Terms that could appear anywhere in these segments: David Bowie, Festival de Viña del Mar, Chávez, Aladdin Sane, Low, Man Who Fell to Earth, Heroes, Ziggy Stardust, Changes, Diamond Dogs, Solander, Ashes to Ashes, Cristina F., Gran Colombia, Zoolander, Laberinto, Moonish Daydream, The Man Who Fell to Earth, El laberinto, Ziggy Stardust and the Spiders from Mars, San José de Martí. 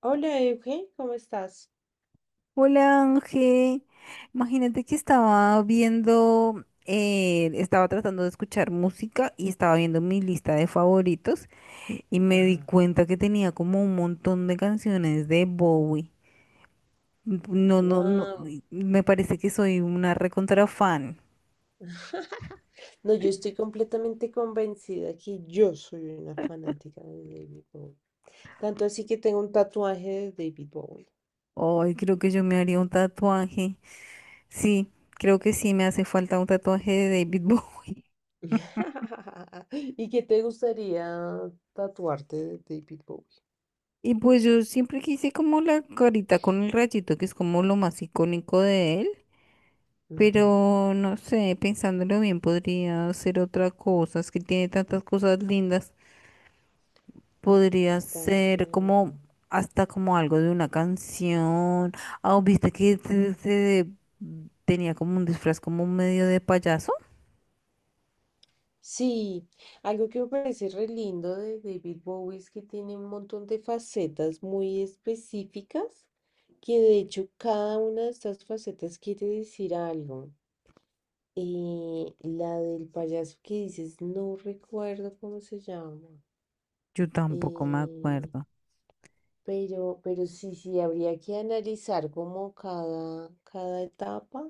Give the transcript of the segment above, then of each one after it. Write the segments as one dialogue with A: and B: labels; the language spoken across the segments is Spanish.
A: Hola, Euge, ¿cómo estás?
B: Hola Ángel, imagínate que estaba viendo, estaba tratando de escuchar música y estaba viendo mi lista de favoritos y me di
A: Ajá.
B: cuenta que tenía como un montón de canciones de Bowie. No, no, no,
A: Wow.
B: y me parece que soy una recontra fan.
A: No, yo estoy completamente convencida que yo soy una fanática de David Bowie. Tanto así que tengo un tatuaje de David Bowie.
B: Ay, creo que yo me haría un tatuaje. Sí, creo que sí me hace falta un tatuaje de David Bowie.
A: ¿Y qué te gustaría tatuarte de David Bowie?
B: Y pues yo siempre quise como la carita con el rayito, que es como lo más icónico de él.
A: Ujú.
B: Pero no sé, pensándolo bien, podría ser otra cosa. Es que tiene tantas cosas lindas. Podría ser
A: Totalmente.
B: como hasta como algo de una canción. Ah, ¿viste que tenía como un disfraz como medio de payaso?
A: Sí, algo que me parece re lindo de David Bowie es que tiene un montón de facetas muy específicas que de hecho cada una de estas facetas quiere decir algo. La del payaso que dices, no recuerdo cómo se llama.
B: Yo tampoco me
A: eh,
B: acuerdo.
A: pero, pero sí, habría que analizar como cada etapa.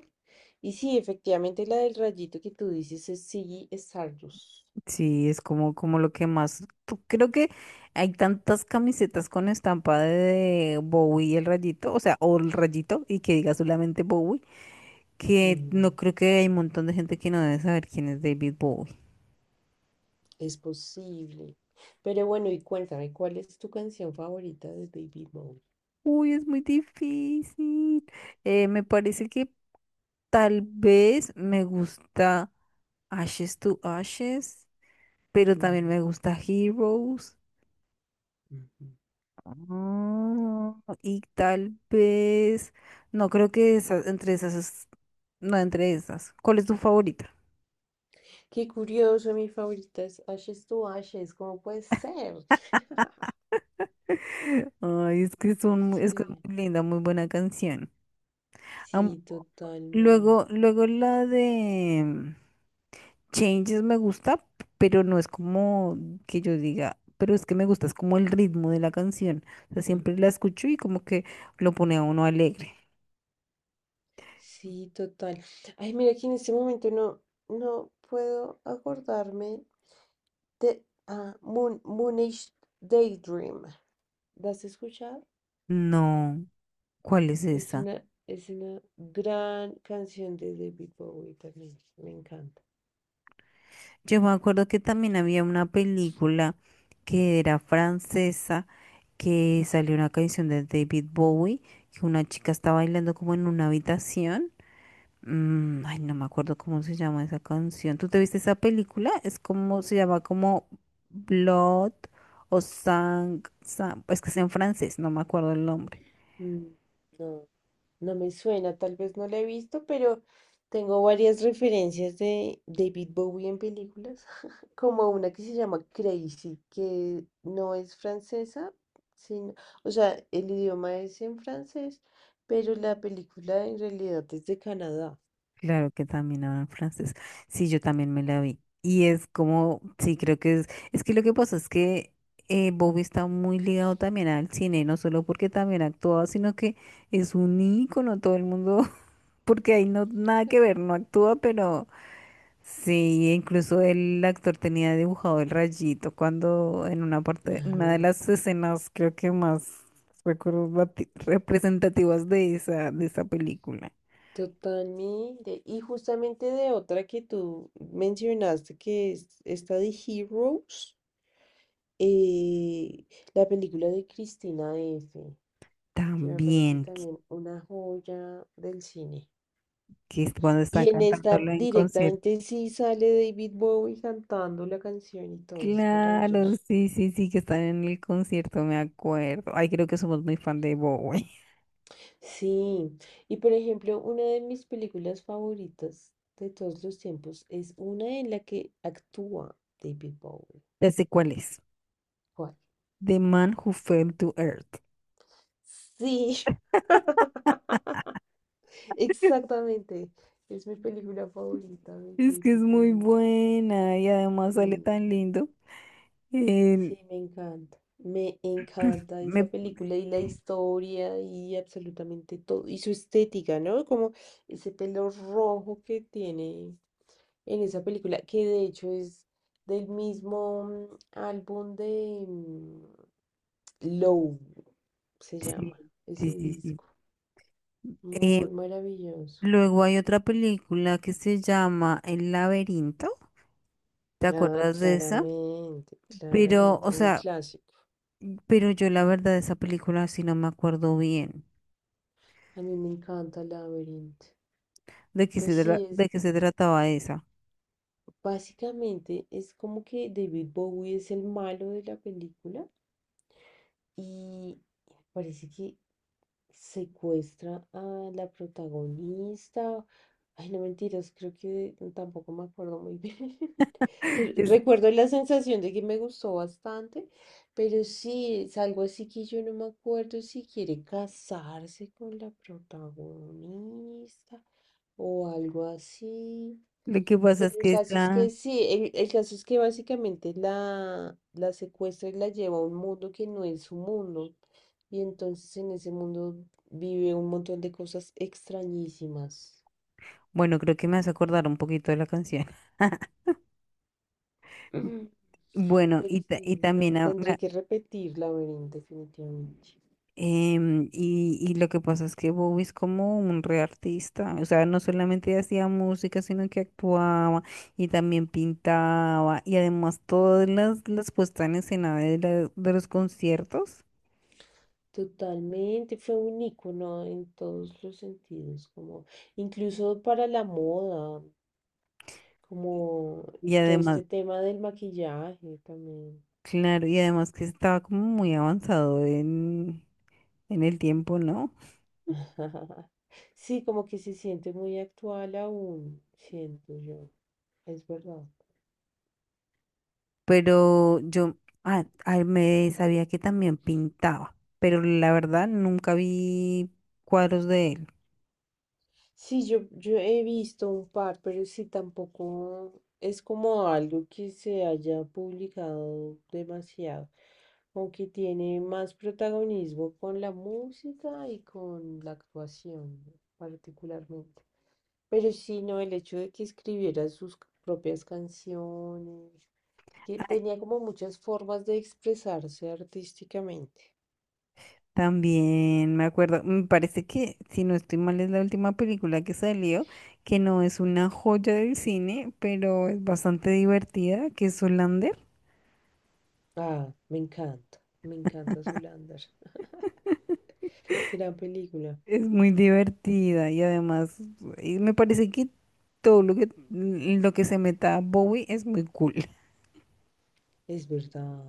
A: Y sí, efectivamente la del rayito que tú dices es sí, Stardust.
B: Sí, es como, como lo que más. Creo que hay tantas camisetas con estampa de Bowie y el rayito, o sea, o el rayito y que diga solamente Bowie, que no
A: Mm,
B: creo que hay un montón de gente que no debe saber quién es David Bowie.
A: es posible. Pero bueno, y cuéntame, ¿cuál es tu canción favorita de Baby Boy?
B: Uy, es muy difícil. Me parece que tal vez me gusta Ashes to Ashes, pero
A: Ujú,
B: también me gusta Heroes.
A: ujú.
B: Ah, y tal vez, no creo que esas, entre esas, no entre esas. ¿Cuál es tu favorita?
A: Qué curioso, mi favorita es Ashes to Ashes, ¿cómo puede ser?
B: Ay, es que son, es que es
A: Sí,
B: muy linda, muy buena canción.
A: sí,
B: Luego,
A: totalmente.
B: luego la de Changes me gusta, pero no es como que yo diga, pero es que me gusta, es como el ritmo de la canción. O sea,
A: Mm.
B: siempre la escucho y como que lo pone a uno alegre.
A: Sí, total. Ay, mira que en este momento no puedo acordarme de Moon, Moonish Daydream. ¿La has escuchado?
B: No, ¿cuál es esa?
A: Es una gran canción de David Bowie también. Me encanta.
B: Yo me acuerdo que también había una película que era francesa, que salió una canción de David Bowie, que una chica está bailando como en una habitación. Mm, ay, no me acuerdo cómo se llama esa canción. ¿Tú te viste esa película? Es como,
A: Mm.
B: se llama como Blood o Sang, es que es en francés, no me acuerdo el nombre.
A: Mm. No. No me suena, tal vez no la he visto, pero tengo varias referencias de David Bowie en películas, como una que se llama Crazy, que no es francesa, sino, o sea, el idioma es en francés, pero la película en realidad es de Canadá.
B: Claro que también habla en francés. Sí, yo también me la vi. Y es como, sí, creo que es que lo que pasa es que Bobby está muy ligado también al cine, no solo porque también actúa, sino que es un ícono, todo el mundo, porque ahí no, nada que ver, no actúa, pero... Sí, incluso el actor tenía dibujado el rayito cuando en una parte, una de
A: Ajá.
B: las escenas creo que más representativas de esa película.
A: Totalmente. Y justamente de otra que tú mencionaste, que es esta de Heroes, eh, la película de Cristina F. que me parece
B: También,
A: también una joya del cine.
B: que es cuando están
A: Y en esta
B: cantándolo en concierto.
A: directamente sí sale David Bowie cantando la canción y todo, es
B: Claro,
A: maravilloso.
B: sí, sí, sí, que están en el concierto, me acuerdo. Ay, creo que somos muy fan de Bowie.
A: Sí, y por ejemplo, una de mis películas favoritas de todos los tiempos es una en la que actúa David Bowie.
B: Ya sé cuál es.
A: ¿Cuál?
B: The Man Who Fell to Earth.
A: Sí, exactamente. Es mi película favorita de
B: Es que es
A: David
B: muy
A: Bowie.
B: buena y además sale
A: Mm.
B: tan lindo. Eh,
A: Sí, me encanta. Me encanta
B: me
A: esa película y la historia y absolutamente todo. Y su estética, ¿no? Como ese pelo rojo que tiene en esa película, que de hecho es del mismo álbum de Low, se
B: Sí,
A: llama
B: sí,
A: ese
B: sí, sí.
A: disco.
B: Eh,
A: Muy maravilloso.
B: Luego hay otra película que se llama El laberinto. ¿Te
A: Ah,
B: acuerdas de esa?
A: claramente,
B: Pero,
A: claramente,
B: o
A: un
B: sea,
A: clásico.
B: pero yo la verdad de esa película sí no me acuerdo bien
A: A mí me encanta el Laberinto.
B: de
A: Pues sí, es
B: de qué se trataba esa.
A: básicamente es como que David Bowie es el malo de la película y parece que secuestra a la protagonista. Ay, no mentiras, creo que tampoco me acuerdo muy bien. Pero
B: Es-
A: recuerdo la sensación de que me gustó bastante, pero sí, es algo así que yo no me acuerdo si quiere casarse con la protagonista o algo así.
B: lo que pasa
A: Pero
B: es
A: el
B: que
A: caso es que
B: esta,
A: sí, el caso es que básicamente la secuestra y la lleva a un mundo que no es su mundo. Y entonces en ese mundo vive un montón de cosas extrañísimas.
B: bueno, creo que me hace acordar un poquito de la canción.
A: Ujú.
B: Bueno,
A: Pero sí,
B: y
A: no,
B: también
A: tendré que repetir Laberinto definitivamente.
B: Y lo que pasa es que Bowie es como un re artista, o sea, no solamente hacía música, sino que actuaba y también pintaba y además todas las puestas en escena de, de los conciertos
A: Totalmente, fue un icono en todos los sentidos, como incluso para la moda. Como
B: y
A: todo
B: además,
A: este tema del maquillaje también.
B: claro, y además que estaba como muy avanzado en el tiempo, ¿no?
A: Sí, como que se siente muy actual aún, siento yo, es verdad.
B: Pero yo me sabía que también pintaba, pero la verdad nunca vi cuadros de él.
A: Sí, yo he visto un par, pero sí tampoco es como algo que se haya publicado demasiado, aunque tiene más protagonismo con la música y con la actuación, ¿no? Particularmente. Pero sí, no, el hecho de que escribiera sus propias canciones que tenía como muchas formas de expresarse artísticamente.
B: También me acuerdo, me parece que, si no estoy mal, es la última película que salió, que no es una joya del cine, pero es bastante divertida, que es Solander.
A: Ah, me encanta Zoolander. Gran película,
B: Es muy divertida y además y me parece que todo lo que se meta Bowie es muy cool.
A: es verdad.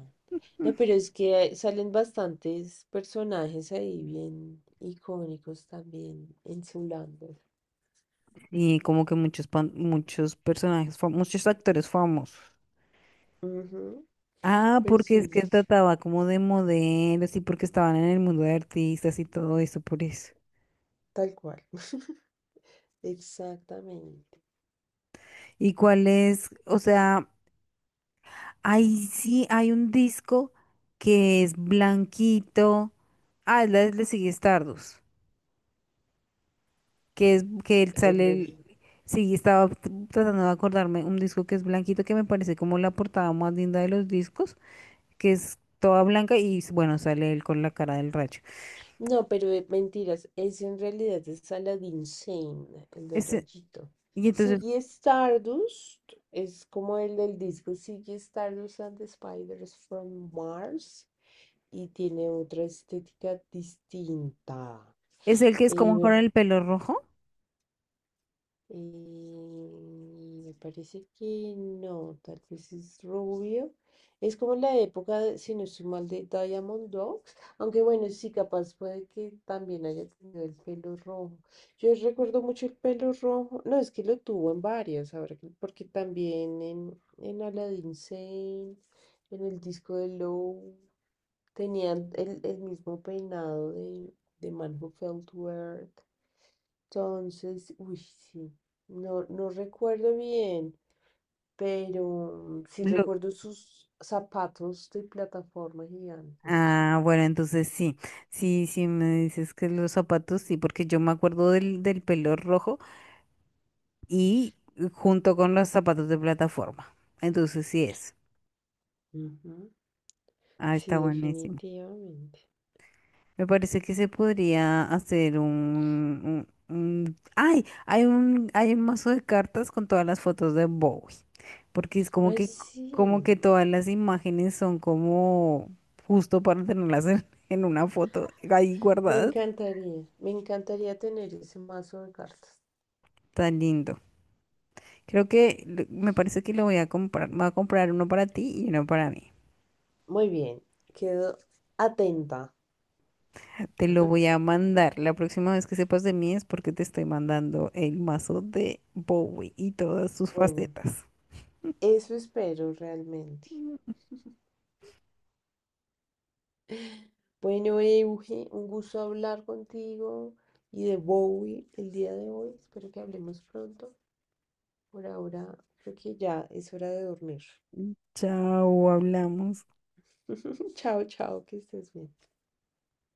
A: No, pero es que salen bastantes personajes ahí bien icónicos también en Zoolander.
B: Y como que muchos, muchos personajes, muchos actores famosos.
A: Ujú.
B: Ah,
A: Pero
B: porque es
A: sí,
B: que trataba como de modelos y porque estaban en el mundo de artistas y todo eso, por eso.
A: tal cual. Exactamente.
B: ¿Y cuál es? O sea, ahí sí hay un disco que es blanquito. Ah, es la de Ziggy Stardust, que es que él
A: El
B: sale
A: del
B: sí, estaba tratando de acordarme un disco que es blanquito, que me parece como la portada más linda de los discos, que es toda blanca y bueno, sale él con la cara del racho.
A: no, pero mentiras, es en realidad es Aladdin Sane, el del
B: Ese-
A: rayito.
B: y entonces,
A: Ziggy Stardust es como el del disco Ziggy Stardust and the Spiders from Mars y tiene otra estética distinta.
B: ¿es el que es como con
A: Eh,
B: el pelo rojo?
A: eh, Me parece que no, tal vez es rubio. Es como la época, de- si no estoy mal, de Diamond Dogs. Aunque bueno, sí, capaz puede que también haya tenido el pelo rojo. Yo recuerdo mucho el pelo rojo. No, es que lo tuvo en varias, ahora que- porque también en Aladdin Sane, en el disco de Low, tenían el mismo peinado de Man Who Fell to Earth. Entonces, uy, sí, no recuerdo bien, pero sí recuerdo sus zapatos de plataforma gigantes.
B: Ah, bueno, entonces sí, sí, sí me dices que los zapatos, sí, porque yo me acuerdo del, del pelo rojo y junto con los zapatos de plataforma. Entonces sí es.
A: Ujú.
B: Ah, está
A: Sí,
B: buenísimo.
A: definitivamente.
B: Me parece que se podría hacer un, ¡ay! Hay un mazo de cartas con todas las fotos de Bowie. Porque es
A: Ay, sí,
B: como que todas las imágenes son como justo para tenerlas en una foto ahí guardadas.
A: me encantaría tener ese mazo de cartas.
B: Tan lindo. Creo que me parece que lo voy a comprar. Voy a comprar uno para ti y uno para mí.
A: Muy bien, quedo atenta.
B: Te lo voy a mandar. La próxima vez que sepas de mí es porque te estoy mandando el mazo de Bowie y todas sus
A: Bueno,
B: facetas.
A: eso espero realmente. Bueno, Euge, un gusto hablar contigo y de Bowie el día de hoy. Espero que hablemos pronto. Por ahora creo que ya es hora de dormir.
B: Chao, hablamos.
A: Chao, chao, que estés bien.